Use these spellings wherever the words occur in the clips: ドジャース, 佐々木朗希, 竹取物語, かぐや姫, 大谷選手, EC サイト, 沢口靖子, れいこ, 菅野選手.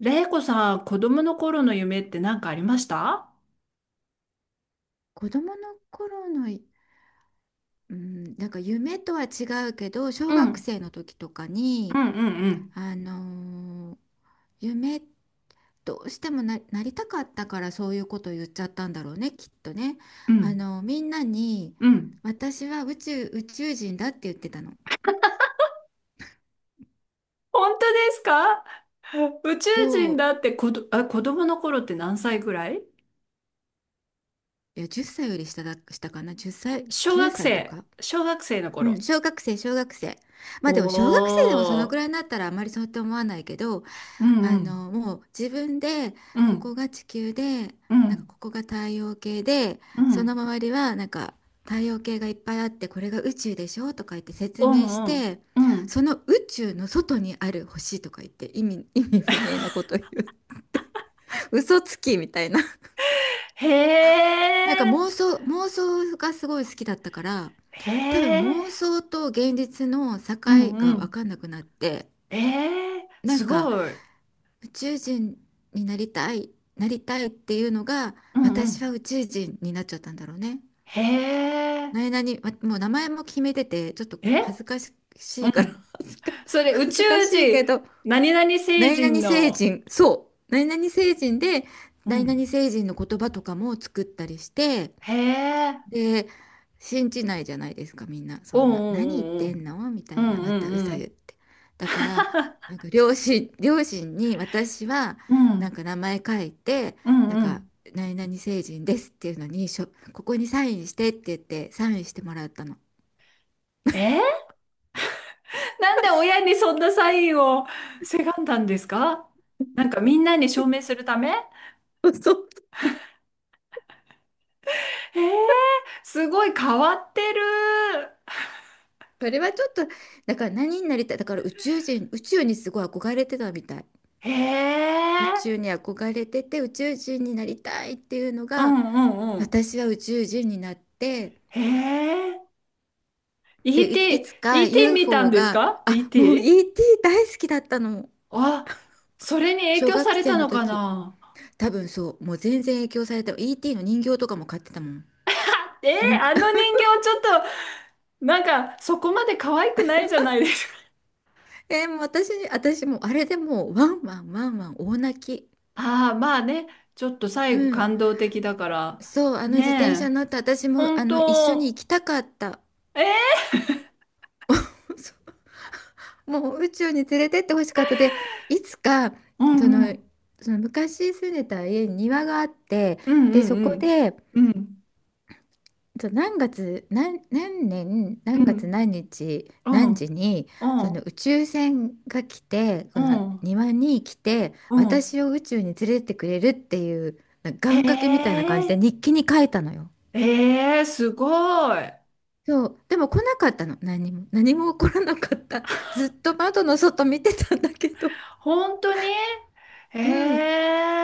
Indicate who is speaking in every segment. Speaker 1: れいこさん、子供の頃の夢って何かありました？
Speaker 2: 子供の頃のい、うん、なんか夢とは違うけど、
Speaker 1: う
Speaker 2: 小
Speaker 1: ん、う
Speaker 2: 学
Speaker 1: ん、
Speaker 2: 生の時とか
Speaker 1: う
Speaker 2: に、
Speaker 1: ん、うん。
Speaker 2: あのー夢どうしてもなりたかったからそういうことを言っちゃったんだろうね、きっとね。
Speaker 1: うん、
Speaker 2: みんなに、
Speaker 1: うん。
Speaker 2: 私は宇宙人だって言ってたの。
Speaker 1: 本当ですか？ 宇宙
Speaker 2: そ
Speaker 1: 人
Speaker 2: う、
Speaker 1: だって子ど、あ、子供の頃って何歳ぐらい？
Speaker 2: いや、10歳より下だ、下かな、10歳、
Speaker 1: 小
Speaker 2: 9
Speaker 1: 学
Speaker 2: 歳と
Speaker 1: 生。
Speaker 2: か。
Speaker 1: 小学生の
Speaker 2: うん、
Speaker 1: 頃。
Speaker 2: 小学生、小学生。
Speaker 1: お
Speaker 2: まあでも小学生でもそのくらい
Speaker 1: ー。
Speaker 2: になったらあまりそうって思わないけど、
Speaker 1: うんうん。
Speaker 2: もう自分で
Speaker 1: う
Speaker 2: ここ
Speaker 1: ん。
Speaker 2: が地球で、
Speaker 1: う
Speaker 2: なんか
Speaker 1: ん。
Speaker 2: ここが太陽系で、
Speaker 1: う
Speaker 2: その
Speaker 1: ん。
Speaker 2: 周りはなんか太陽系がいっぱいあって、これが宇宙でしょとか言って説
Speaker 1: う
Speaker 2: 明し
Speaker 1: んうん。
Speaker 2: て、
Speaker 1: うん、
Speaker 2: その宇宙の外にある星とか言って意味不明なこと言って、 嘘つきみたいな。
Speaker 1: へ
Speaker 2: なんか
Speaker 1: え。
Speaker 2: 妄想がすごい好きだったから、
Speaker 1: へ
Speaker 2: 多分妄
Speaker 1: え。
Speaker 2: 想と現実の境
Speaker 1: うんう
Speaker 2: が分
Speaker 1: ん。
Speaker 2: かんなくなって、
Speaker 1: ええ。
Speaker 2: な
Speaker 1: す
Speaker 2: んか
Speaker 1: ごい。
Speaker 2: 宇宙人になりたい、なりたいっていうのが、
Speaker 1: うんう
Speaker 2: 私
Speaker 1: ん。
Speaker 2: は宇宙人になっちゃったんだろうね。
Speaker 1: へえ。
Speaker 2: 何々、もう名前も決めてて、ちょっと
Speaker 1: え、
Speaker 2: 恥ずかし
Speaker 1: う
Speaker 2: いから、
Speaker 1: ん。
Speaker 2: 恥ずか、
Speaker 1: それ宇
Speaker 2: 恥
Speaker 1: 宙
Speaker 2: ずかしい
Speaker 1: 人、
Speaker 2: けど、
Speaker 1: 何々星
Speaker 2: 何々
Speaker 1: 人
Speaker 2: 星
Speaker 1: の、
Speaker 2: 人、そう、何々星人で、
Speaker 1: う
Speaker 2: 何々
Speaker 1: ん。
Speaker 2: 星人の言葉とかも作ったりして、
Speaker 1: へえ、
Speaker 2: で、信じないじゃないですか、みんな。
Speaker 1: う
Speaker 2: そ
Speaker 1: ん
Speaker 2: んな、何言っ
Speaker 1: う
Speaker 2: て
Speaker 1: ん
Speaker 2: んのみ
Speaker 1: う
Speaker 2: たいな、また
Speaker 1: ん
Speaker 2: 嘘
Speaker 1: う
Speaker 2: 言っ
Speaker 1: ん。
Speaker 2: て。だから、なんか両親に私は、
Speaker 1: うんうんう
Speaker 2: なん
Speaker 1: ん。
Speaker 2: か名前書いて、
Speaker 1: うん
Speaker 2: なん
Speaker 1: うんう
Speaker 2: か、
Speaker 1: ん。
Speaker 2: 何々成人ですっていうのに、ここにサインしてって言って、サインしてもらったの。
Speaker 1: えー、なんで親にそんなサインをせがんだんですか？なんかみんなに証明するため？
Speaker 2: そう、
Speaker 1: えー、すごい変わってる。
Speaker 2: それはちょっと、だから何になりたい、だから宇宙人、宇宙にすごい憧れてたみたい。
Speaker 1: へ
Speaker 2: 宇宙
Speaker 1: え、
Speaker 2: に憧れてて、宇宙人になりたいっていうの
Speaker 1: う
Speaker 2: が、
Speaker 1: んうんうん。
Speaker 2: 私は宇宙人になって、
Speaker 1: へえ、イ
Speaker 2: で、
Speaker 1: ー
Speaker 2: いい
Speaker 1: テ
Speaker 2: つ
Speaker 1: ィ
Speaker 2: か
Speaker 1: ーイーティー見たん
Speaker 2: UFO
Speaker 1: です
Speaker 2: が、
Speaker 1: か、イー
Speaker 2: あ、
Speaker 1: テ
Speaker 2: も
Speaker 1: ィ
Speaker 2: う
Speaker 1: ー。
Speaker 2: ET 大好きだったの。
Speaker 1: あ、それに影
Speaker 2: 小
Speaker 1: 響さ
Speaker 2: 学
Speaker 1: れ
Speaker 2: 生
Speaker 1: た
Speaker 2: の
Speaker 1: のか
Speaker 2: 時。
Speaker 1: な？
Speaker 2: 多分そう、もう全然影響された。ET の人形とかも買ってたもん。
Speaker 1: えー、
Speaker 2: ぬ
Speaker 1: あの 人形ちょっと、なんかそこまで可愛くないじゃないですか。
Speaker 2: もう私もうあれでもうワンワンワンワン大泣き。
Speaker 1: ああ、まあね、ちょっと
Speaker 2: う
Speaker 1: 最後
Speaker 2: ん。
Speaker 1: 感動的だから。
Speaker 2: そう、自転車
Speaker 1: ねえ。
Speaker 2: 乗って私も
Speaker 1: 本
Speaker 2: 一緒に行
Speaker 1: 当、
Speaker 2: きたかった。
Speaker 1: えー、
Speaker 2: そうもう宇宙に連れてってほしかった。で、いつか
Speaker 1: う
Speaker 2: そ
Speaker 1: んう
Speaker 2: の、
Speaker 1: ん、
Speaker 2: その昔住んでた家に庭があって、
Speaker 1: うん
Speaker 2: で、
Speaker 1: う
Speaker 2: そこ
Speaker 1: ん
Speaker 2: で
Speaker 1: うん、うん、
Speaker 2: そう、何年
Speaker 1: う
Speaker 2: 何月
Speaker 1: ん、
Speaker 2: 何日
Speaker 1: う
Speaker 2: 何時
Speaker 1: ん、
Speaker 2: に
Speaker 1: う
Speaker 2: その
Speaker 1: ん、
Speaker 2: 宇宙船が来て
Speaker 1: う
Speaker 2: この
Speaker 1: ん、
Speaker 2: 庭に来て
Speaker 1: うん。
Speaker 2: 私を宇宙に連れてってくれるっていうなんか
Speaker 1: へ
Speaker 2: 願掛けみたいな感じで
Speaker 1: え、
Speaker 2: 日記に書いたのよ。
Speaker 1: えー、すごい。
Speaker 2: そうでも来なかったの、何も何も起こらなかった。ずっと窓の外見てたんだけど。
Speaker 1: 本当に？へ
Speaker 2: うん。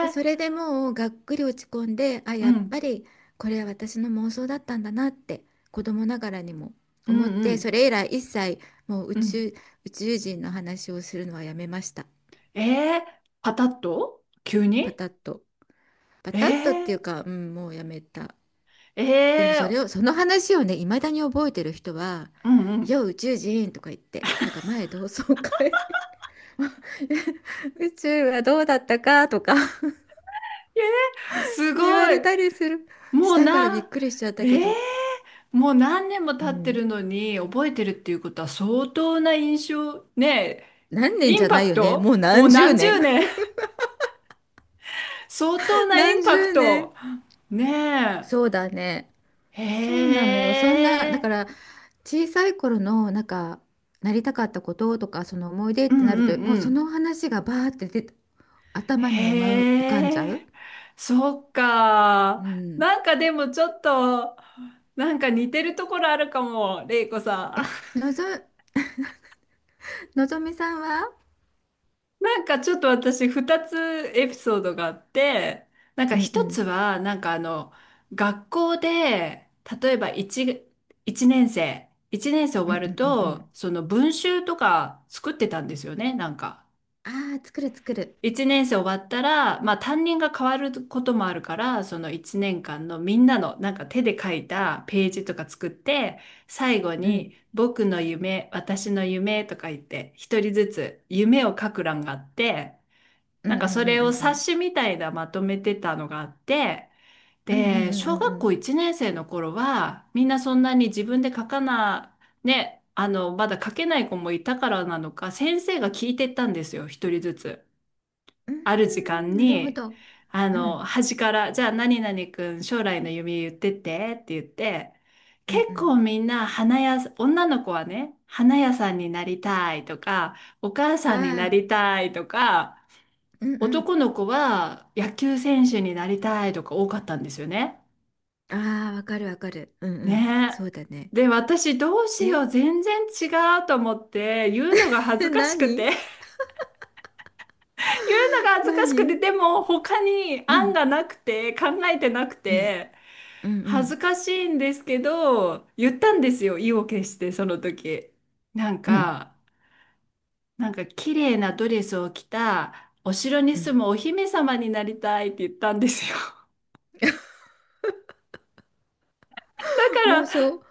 Speaker 2: で、それでもうがっくり落ち込んで、あ、
Speaker 1: う
Speaker 2: やっ
Speaker 1: ん、
Speaker 2: ぱりこれは私の妄想だったんだなって子供ながらにも
Speaker 1: う
Speaker 2: 思
Speaker 1: ん
Speaker 2: っ
Speaker 1: う
Speaker 2: て、そ
Speaker 1: ん、
Speaker 2: れ以来一切もう
Speaker 1: うん。
Speaker 2: 宇宙人の話をするのはやめました。
Speaker 1: えー、パタッと急
Speaker 2: パ
Speaker 1: に？
Speaker 2: タッと。パ
Speaker 1: え
Speaker 2: タッとっていう
Speaker 1: ー、
Speaker 2: か、うん、もうやめた。
Speaker 1: え
Speaker 2: でも
Speaker 1: え
Speaker 2: それ
Speaker 1: ー、
Speaker 2: を、その話をね、いまだに覚えてる人は、
Speaker 1: うんうん。
Speaker 2: よう宇宙人とか言って、なんか前同窓会、 宇宙はどうだったかとか
Speaker 1: す
Speaker 2: 言わ
Speaker 1: ごい。
Speaker 2: れたりする。
Speaker 1: も
Speaker 2: し
Speaker 1: う
Speaker 2: たからびっ
Speaker 1: な、
Speaker 2: くりしちゃっ
Speaker 1: え
Speaker 2: たけ
Speaker 1: え
Speaker 2: ど。
Speaker 1: ー、もう何年も
Speaker 2: う
Speaker 1: 経ってる
Speaker 2: ん、
Speaker 1: のに覚えてるっていうことは相当な印象、ね
Speaker 2: 何
Speaker 1: え、
Speaker 2: 年
Speaker 1: イ
Speaker 2: じ
Speaker 1: ン
Speaker 2: ゃな
Speaker 1: パ
Speaker 2: い
Speaker 1: ク
Speaker 2: よね。も
Speaker 1: ト、
Speaker 2: う
Speaker 1: もう
Speaker 2: 何十
Speaker 1: 何
Speaker 2: 年。
Speaker 1: 十年。 相当 なイン
Speaker 2: 何
Speaker 1: パク
Speaker 2: 十年。
Speaker 1: ト。ね
Speaker 2: そうだね。
Speaker 1: え。
Speaker 2: そうな
Speaker 1: へ
Speaker 2: のよ。そんな、だ
Speaker 1: え。
Speaker 2: から小さい頃のなんかなりたかったこととかその思い出
Speaker 1: う
Speaker 2: って
Speaker 1: ん
Speaker 2: なる
Speaker 1: う
Speaker 2: と、
Speaker 1: ん
Speaker 2: もう
Speaker 1: う
Speaker 2: そ
Speaker 1: ん。
Speaker 2: の話がバーって出て頭にうまう浮かんじゃ
Speaker 1: へえ。
Speaker 2: う。
Speaker 1: そっか。
Speaker 2: うん。
Speaker 1: なんかでもちょっと、なんか似てるところあるかも、れいこさん。
Speaker 2: のぞ、のぞみさんは？
Speaker 1: なんかちょっと私二つエピソードがあって、なんか
Speaker 2: うんう
Speaker 1: 一つ
Speaker 2: ん。
Speaker 1: は、学校で、例えば一年生、終
Speaker 2: うん
Speaker 1: わ
Speaker 2: う
Speaker 1: る
Speaker 2: んうんう
Speaker 1: と、
Speaker 2: ん。
Speaker 1: その文集とか作ってたんですよね、なんか。
Speaker 2: ああ、作る作る。
Speaker 1: 一年生終わったら、まあ担任が変わることもあるから、その一年間のみんなのなんか手で書いたページとか作って、最後
Speaker 2: うん。
Speaker 1: に僕の夢、私の夢とか言って、一人ずつ夢を書く欄があって、
Speaker 2: う
Speaker 1: な
Speaker 2: ん
Speaker 1: ん
Speaker 2: うん
Speaker 1: かそ
Speaker 2: う
Speaker 1: れ
Speaker 2: んう
Speaker 1: を
Speaker 2: んう
Speaker 1: 冊
Speaker 2: ん。
Speaker 1: 子みたいなまとめてたのがあって、
Speaker 2: うんうんう
Speaker 1: で、
Speaker 2: ん
Speaker 1: 小
Speaker 2: うんう
Speaker 1: 学
Speaker 2: ん。
Speaker 1: 校1年生の頃は、みんなそんなに自分で書かな、ね、あの、まだ書けない子もいたからなのか、先生が聞いてったんですよ、一人ずつ。
Speaker 2: う
Speaker 1: ある時
Speaker 2: ん、
Speaker 1: 間
Speaker 2: なるほ
Speaker 1: に、
Speaker 2: ど。
Speaker 1: あ
Speaker 2: う
Speaker 1: の、
Speaker 2: ん。
Speaker 1: 端から、じゃあ何々くん将来の夢言って言って、
Speaker 2: う
Speaker 1: 結
Speaker 2: んう
Speaker 1: 構
Speaker 2: ん。
Speaker 1: みんな花屋さん、女の子はね、花屋さんになりたいとか、お母さんに
Speaker 2: あ
Speaker 1: な
Speaker 2: あ。
Speaker 1: りたいとか、
Speaker 2: うんうん。
Speaker 1: 男の子は野球選手になりたいとか多かったんですよね。
Speaker 2: ああ、わかるわかる。うんうん。
Speaker 1: ね
Speaker 2: そうだね。
Speaker 1: え。で、私どうしよ
Speaker 2: で、
Speaker 1: う、全然違うと思って、言うのが恥 ずかしく
Speaker 2: 何
Speaker 1: て、言うのが恥ずかしくて、
Speaker 2: 何、
Speaker 1: でも他に
Speaker 2: う
Speaker 1: 案
Speaker 2: ん。
Speaker 1: がなくて、考えてなく
Speaker 2: うん。
Speaker 1: て、
Speaker 2: うんう
Speaker 1: 恥ず
Speaker 2: ん
Speaker 1: かしいんですけど、言ったんですよ、意を決して、その時。なん
Speaker 2: うん。
Speaker 1: か、なんか綺麗なドレスを着た、お城に
Speaker 2: う
Speaker 1: 住
Speaker 2: ん、
Speaker 1: むお姫様になりたいって言ったんですよ。から、
Speaker 2: 妄想。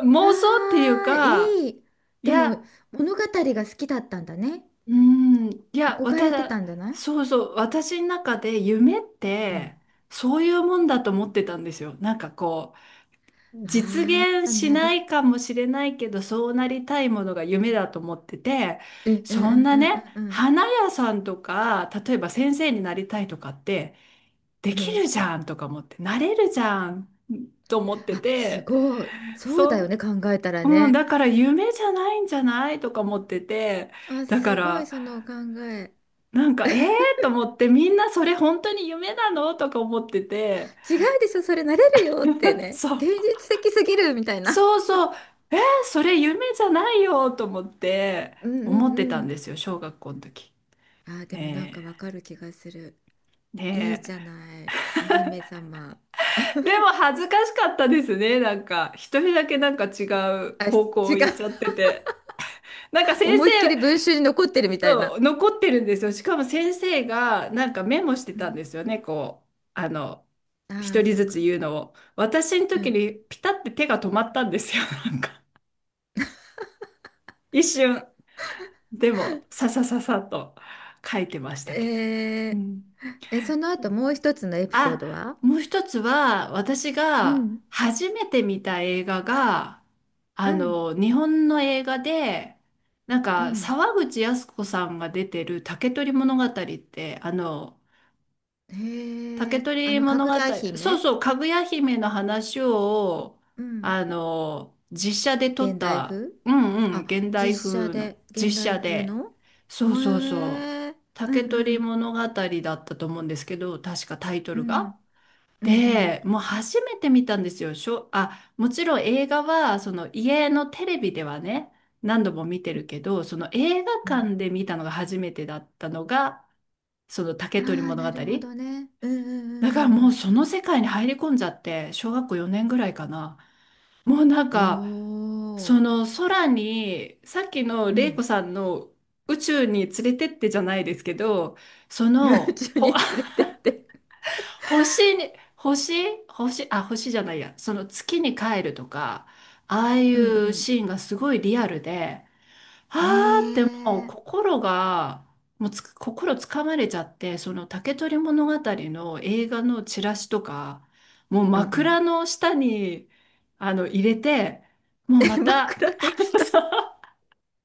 Speaker 1: うん、妄想っていう
Speaker 2: ああ、
Speaker 1: か、
Speaker 2: いい。
Speaker 1: い
Speaker 2: でも、
Speaker 1: や、
Speaker 2: 物語が好きだったんだね。
Speaker 1: うん、いや、
Speaker 2: 憧れて
Speaker 1: 私、
Speaker 2: たんじゃない？
Speaker 1: そうそう、私の中で夢っ
Speaker 2: うん。
Speaker 1: て、そういうもんだと思ってたんですよ。なんかこう、実
Speaker 2: あ
Speaker 1: 現
Speaker 2: あ、
Speaker 1: し
Speaker 2: な
Speaker 1: な
Speaker 2: る。
Speaker 1: いかもしれないけど、そうなりたいものが夢だと思ってて、
Speaker 2: うんうん
Speaker 1: そ
Speaker 2: う
Speaker 1: ん
Speaker 2: ん
Speaker 1: な
Speaker 2: う
Speaker 1: ね、
Speaker 2: んうん
Speaker 1: 花屋さんとか、例えば先生になりたいとかって、で
Speaker 2: うん。う
Speaker 1: き
Speaker 2: ん。
Speaker 1: るじゃんとか思って、なれるじゃんと思って
Speaker 2: あ、す
Speaker 1: て、
Speaker 2: ごい。そうだ
Speaker 1: そ
Speaker 2: よ
Speaker 1: ん、
Speaker 2: ね、考えたら
Speaker 1: うん、
Speaker 2: ね。
Speaker 1: だから夢じゃないんじゃないとか思ってて、
Speaker 2: あ、
Speaker 1: だか
Speaker 2: すごい、
Speaker 1: ら、
Speaker 2: その考え。
Speaker 1: なんか、ええ ー、と思って、みんなそれ本当に夢なの、とか思ってて、
Speaker 2: 違うでしょ、それなれるよって ね。
Speaker 1: そう、
Speaker 2: 現実的すぎるみたいな。
Speaker 1: そうそう、えー、それ夢じゃないよと思って、
Speaker 2: うんう
Speaker 1: 思っ
Speaker 2: ん
Speaker 1: て
Speaker 2: う
Speaker 1: たんで
Speaker 2: ん。
Speaker 1: すよ、小学校の時。
Speaker 2: あー、でもなんか
Speaker 1: ね
Speaker 2: わかる気がする。
Speaker 1: え、
Speaker 2: いい
Speaker 1: ね
Speaker 2: じゃ
Speaker 1: え。
Speaker 2: ない。お姫様。
Speaker 1: でも 恥ずかしかったですね、なんか、一人だけなんか違う
Speaker 2: あ、
Speaker 1: 方
Speaker 2: 違
Speaker 1: 向
Speaker 2: う。
Speaker 1: 行っちゃってて。なんか先生、
Speaker 2: 思いっきり文集に残ってるみたい
Speaker 1: そ
Speaker 2: な。
Speaker 1: う、残ってるんですよ。しかも先生がなんかメモして
Speaker 2: う
Speaker 1: たん
Speaker 2: ん。
Speaker 1: ですよね、こう、あの、
Speaker 2: あ
Speaker 1: 一
Speaker 2: あ、
Speaker 1: 人
Speaker 2: そっ
Speaker 1: ずつ
Speaker 2: か。
Speaker 1: 言うのを。私の
Speaker 2: う
Speaker 1: 時
Speaker 2: ん。
Speaker 1: にピタって手が止まったんですよ、なんか。一瞬。でも、ささささっと書いてましたけど。う
Speaker 2: え
Speaker 1: ん。
Speaker 2: ー、その後もう一つのエピソー
Speaker 1: あ、
Speaker 2: ドは？
Speaker 1: もう一つは、私
Speaker 2: う
Speaker 1: が
Speaker 2: ん。
Speaker 1: 初めて見た映画が、
Speaker 2: う
Speaker 1: あ
Speaker 2: ん。
Speaker 1: の、日本の映画で、なん
Speaker 2: う
Speaker 1: か、
Speaker 2: ん。
Speaker 1: 沢口靖子さんが出てる竹取物語って、あの、
Speaker 2: へ
Speaker 1: 竹
Speaker 2: え、あ
Speaker 1: 取
Speaker 2: の、か
Speaker 1: 物
Speaker 2: ぐ
Speaker 1: 語、
Speaker 2: や
Speaker 1: そう
Speaker 2: 姫？
Speaker 1: そう、かぐや姫の話を、
Speaker 2: うん。
Speaker 1: あの、実写で撮っ
Speaker 2: 現代
Speaker 1: た、
Speaker 2: 風、
Speaker 1: うんうん、
Speaker 2: あ、
Speaker 1: 現代
Speaker 2: 実写
Speaker 1: 風の
Speaker 2: で現
Speaker 1: 実写
Speaker 2: 代風
Speaker 1: で、
Speaker 2: の？
Speaker 1: そ
Speaker 2: へ
Speaker 1: うそうそう、
Speaker 2: え、う
Speaker 1: 竹
Speaker 2: んう
Speaker 1: 取
Speaker 2: ん。
Speaker 1: 物語だったと思うんですけど、確かタイト
Speaker 2: う
Speaker 1: ル
Speaker 2: ん。
Speaker 1: が。
Speaker 2: うんうん。
Speaker 1: で、もう初めて見たんですよ。しょ、あ、もちろん映画は、その家のテレビではね、何度も見てるけど、その映画
Speaker 2: うん。
Speaker 1: 館で見たのが初めてだったのが、その竹
Speaker 2: あ
Speaker 1: 取
Speaker 2: あ、
Speaker 1: 物
Speaker 2: な
Speaker 1: 語。
Speaker 2: るほどね。うんうん
Speaker 1: だから
Speaker 2: う
Speaker 1: も
Speaker 2: んう
Speaker 1: う
Speaker 2: ん
Speaker 1: その世界に入り込んじゃって、小学校4年ぐらいかな。もうなん
Speaker 2: う
Speaker 1: か、
Speaker 2: ん。お
Speaker 1: そ
Speaker 2: お。
Speaker 1: の空に、さっきの
Speaker 2: う
Speaker 1: 玲子
Speaker 2: ん。
Speaker 1: さんの宇宙に連れてってじゃないですけど、そ
Speaker 2: 宇
Speaker 1: の、
Speaker 2: 宙
Speaker 1: ほ、
Speaker 2: に連れてって。
Speaker 1: 星に、星、星、あ、星じゃないや、その月に帰るとか、ああい
Speaker 2: うん
Speaker 1: う
Speaker 2: う
Speaker 1: シーンがすごいリアルで、
Speaker 2: ん。
Speaker 1: あーっても
Speaker 2: へ
Speaker 1: う
Speaker 2: え。
Speaker 1: 心が、もうつく、心つかまれちゃって、その竹取物語の映画のチラシとか、もう
Speaker 2: うんうん。
Speaker 1: 枕の下に、あの、入れて、も うま
Speaker 2: え、
Speaker 1: た、
Speaker 2: 枕
Speaker 1: あ
Speaker 2: の
Speaker 1: の
Speaker 2: 下。
Speaker 1: さ、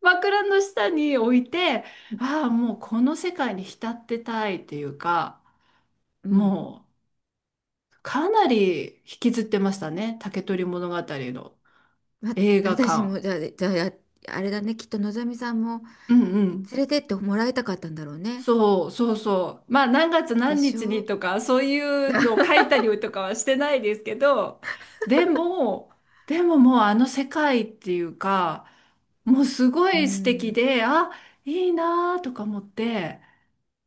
Speaker 1: 枕の下に置いて、
Speaker 2: うん
Speaker 1: ああ、もうこの世界に浸ってたいっていうか、
Speaker 2: うん。
Speaker 1: もうかなり引きずってましたね、竹取物語の
Speaker 2: ま、
Speaker 1: 映画
Speaker 2: 私
Speaker 1: 館。
Speaker 2: もじゃあ、じゃあ、やあれだね。きっとのぞみさんも
Speaker 1: うんう
Speaker 2: 連
Speaker 1: ん。
Speaker 2: れてってもらいたかったんだろうね。
Speaker 1: そうそうそう。まあ何月
Speaker 2: で
Speaker 1: 何
Speaker 2: し
Speaker 1: 日
Speaker 2: ょ
Speaker 1: に
Speaker 2: う。
Speaker 1: とかそういうのを書 いたりとかはしてないですけど、でも、でももうあの世界っていうか、もうすご
Speaker 2: う
Speaker 1: い素敵
Speaker 2: ん。
Speaker 1: で、あ、いいなーとか思って、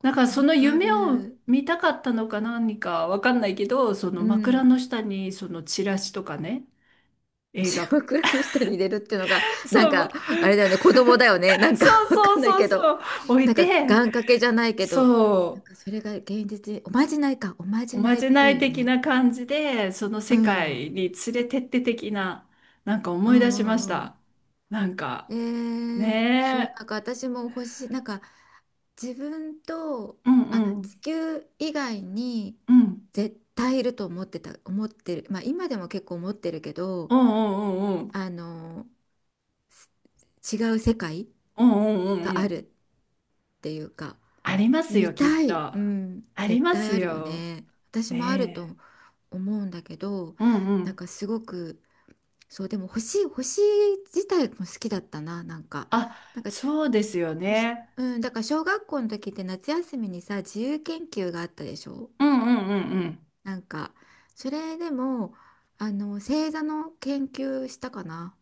Speaker 1: なんかそ
Speaker 2: わ
Speaker 1: の
Speaker 2: か
Speaker 1: 夢を
Speaker 2: る。
Speaker 1: 見たかったのか何かわかんないけど、そ
Speaker 2: う
Speaker 1: の枕
Speaker 2: ん。
Speaker 1: の下にそのチラシとかね、映
Speaker 2: じゃ
Speaker 1: 画、
Speaker 2: あ枕の下に入れるっていうのが、なん
Speaker 1: そう、
Speaker 2: か、あれだよね。子供だよね。なんか
Speaker 1: そう
Speaker 2: わか
Speaker 1: そう
Speaker 2: んない
Speaker 1: そう
Speaker 2: けど。
Speaker 1: そう、置
Speaker 2: な
Speaker 1: い
Speaker 2: んか
Speaker 1: て、
Speaker 2: 願掛けじゃないけど、なん
Speaker 1: そう。
Speaker 2: かそれが現実に、おまじないか、おま
Speaker 1: お
Speaker 2: じな
Speaker 1: ま
Speaker 2: いっ
Speaker 1: じな
Speaker 2: ぽい
Speaker 1: い
Speaker 2: よ
Speaker 1: 的
Speaker 2: ね。
Speaker 1: な感じで、その
Speaker 2: う
Speaker 1: 世
Speaker 2: ん、う
Speaker 1: 界
Speaker 2: ん
Speaker 1: に連れてって的な、なんか
Speaker 2: う
Speaker 1: 思い出しまし
Speaker 2: んう
Speaker 1: た。なんか、
Speaker 2: ん。えー、そう、
Speaker 1: ね
Speaker 2: なんか私も欲しい、なんか自分と、
Speaker 1: え、うん
Speaker 2: あ、
Speaker 1: うん、
Speaker 2: 地球以外に
Speaker 1: うん、
Speaker 2: 絶対いると思ってた、思ってる、まあ今でも結構思ってるけど、
Speaker 1: うんうんうんうん、
Speaker 2: あの、す違う世界
Speaker 1: うんうんうん
Speaker 2: が
Speaker 1: う
Speaker 2: あ
Speaker 1: ん。
Speaker 2: るっていうか、
Speaker 1: あります
Speaker 2: 見
Speaker 1: よ、きっ
Speaker 2: た
Speaker 1: と。
Speaker 2: い。うん。
Speaker 1: あり
Speaker 2: 絶
Speaker 1: ま
Speaker 2: 対
Speaker 1: す
Speaker 2: あるよ
Speaker 1: よ。
Speaker 2: ね。私もあると
Speaker 1: ね
Speaker 2: 思うんだけど、
Speaker 1: え、うんう
Speaker 2: なん
Speaker 1: ん。
Speaker 2: かすごく、そう、でも星、星自体も好きだったな、なんか。
Speaker 1: あ、
Speaker 2: なんか、
Speaker 1: そうですよ
Speaker 2: 星、
Speaker 1: ね。
Speaker 2: うん、だから小学校の時って夏休みにさ、自由研究があったでしょ？
Speaker 1: うんうんうんうん。
Speaker 2: なんか、それでも、星座の研究したかな。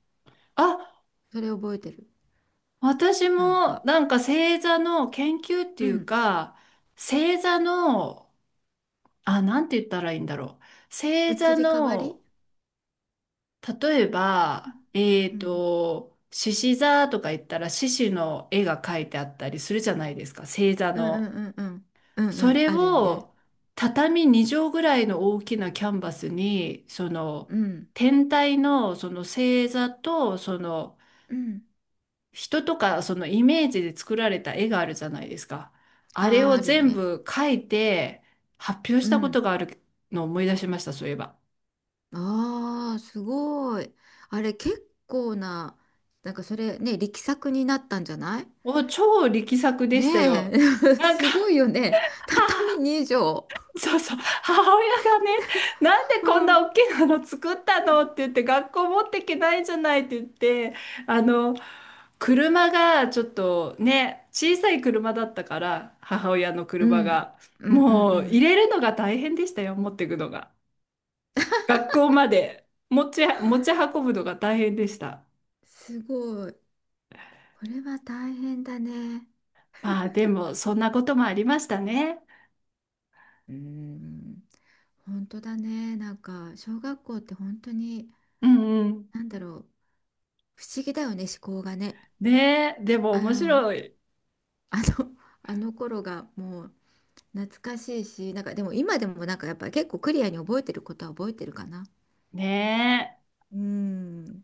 Speaker 1: あ、
Speaker 2: それ覚えてる。
Speaker 1: 私
Speaker 2: なん
Speaker 1: も
Speaker 2: か、
Speaker 1: なんか星座の研究って
Speaker 2: う
Speaker 1: いう
Speaker 2: ん。
Speaker 1: か、星座の、あ、なんて言ったらいいんだろう。星
Speaker 2: 移
Speaker 1: 座
Speaker 2: り変わり。
Speaker 1: の、例えば、え
Speaker 2: う
Speaker 1: っ
Speaker 2: ん。
Speaker 1: と、獅子座とか言ったら獅子の絵が描いてあったりするじゃないですか、星座
Speaker 2: うんう
Speaker 1: の。
Speaker 2: んうんうん。うんう
Speaker 1: そ
Speaker 2: ん。
Speaker 1: れ
Speaker 2: あるよね。
Speaker 1: を畳2畳ぐらいの大きなキャンバスに、その
Speaker 2: うん。
Speaker 1: 天体のその星座と、その
Speaker 2: うん。
Speaker 1: 人とかそのイメージで作られた絵があるじゃないですか。あれ
Speaker 2: あ
Speaker 1: を
Speaker 2: ー、ある
Speaker 1: 全
Speaker 2: ね。
Speaker 1: 部描いて発表し
Speaker 2: う
Speaker 1: たこと
Speaker 2: ん。
Speaker 1: があるのを思い出しました、そういえば。
Speaker 2: ああ、すごい。あれ、結構な、なんかそれね、力作になったんじゃない？
Speaker 1: お、超力作でした
Speaker 2: ね
Speaker 1: よ。
Speaker 2: え、
Speaker 1: なんか、
Speaker 2: すごいよね。畳
Speaker 1: 母、
Speaker 2: 2畳。
Speaker 1: そうそう、母親がね、なんで
Speaker 2: う
Speaker 1: こんな
Speaker 2: ん。
Speaker 1: 大きなの作ったのって言って、学校持っていけないじゃないって言って、あの、車がちょっとね、小さい車だったから、母親の
Speaker 2: う
Speaker 1: 車
Speaker 2: ん。
Speaker 1: が。
Speaker 2: うんうんう
Speaker 1: もう入
Speaker 2: ん。
Speaker 1: れるのが大変でしたよ、持っていくのが。学校まで持ち運ぶのが大変でした。
Speaker 2: すごい。これは大変だね。
Speaker 1: まあでも、そんなこともありましたね。
Speaker 2: うーん。本当だね。なんか、小学校って本当に、
Speaker 1: うんうん。
Speaker 2: なんだろう。不思議だよね、思考がね。
Speaker 1: ねえ、でも
Speaker 2: あ
Speaker 1: 面
Speaker 2: の、
Speaker 1: 白い。
Speaker 2: あの、あの頃がもう、懐かしいし、なんかでも今でもなんかやっぱり結構クリアに覚えてることは覚えてるかな。
Speaker 1: ね
Speaker 2: うん。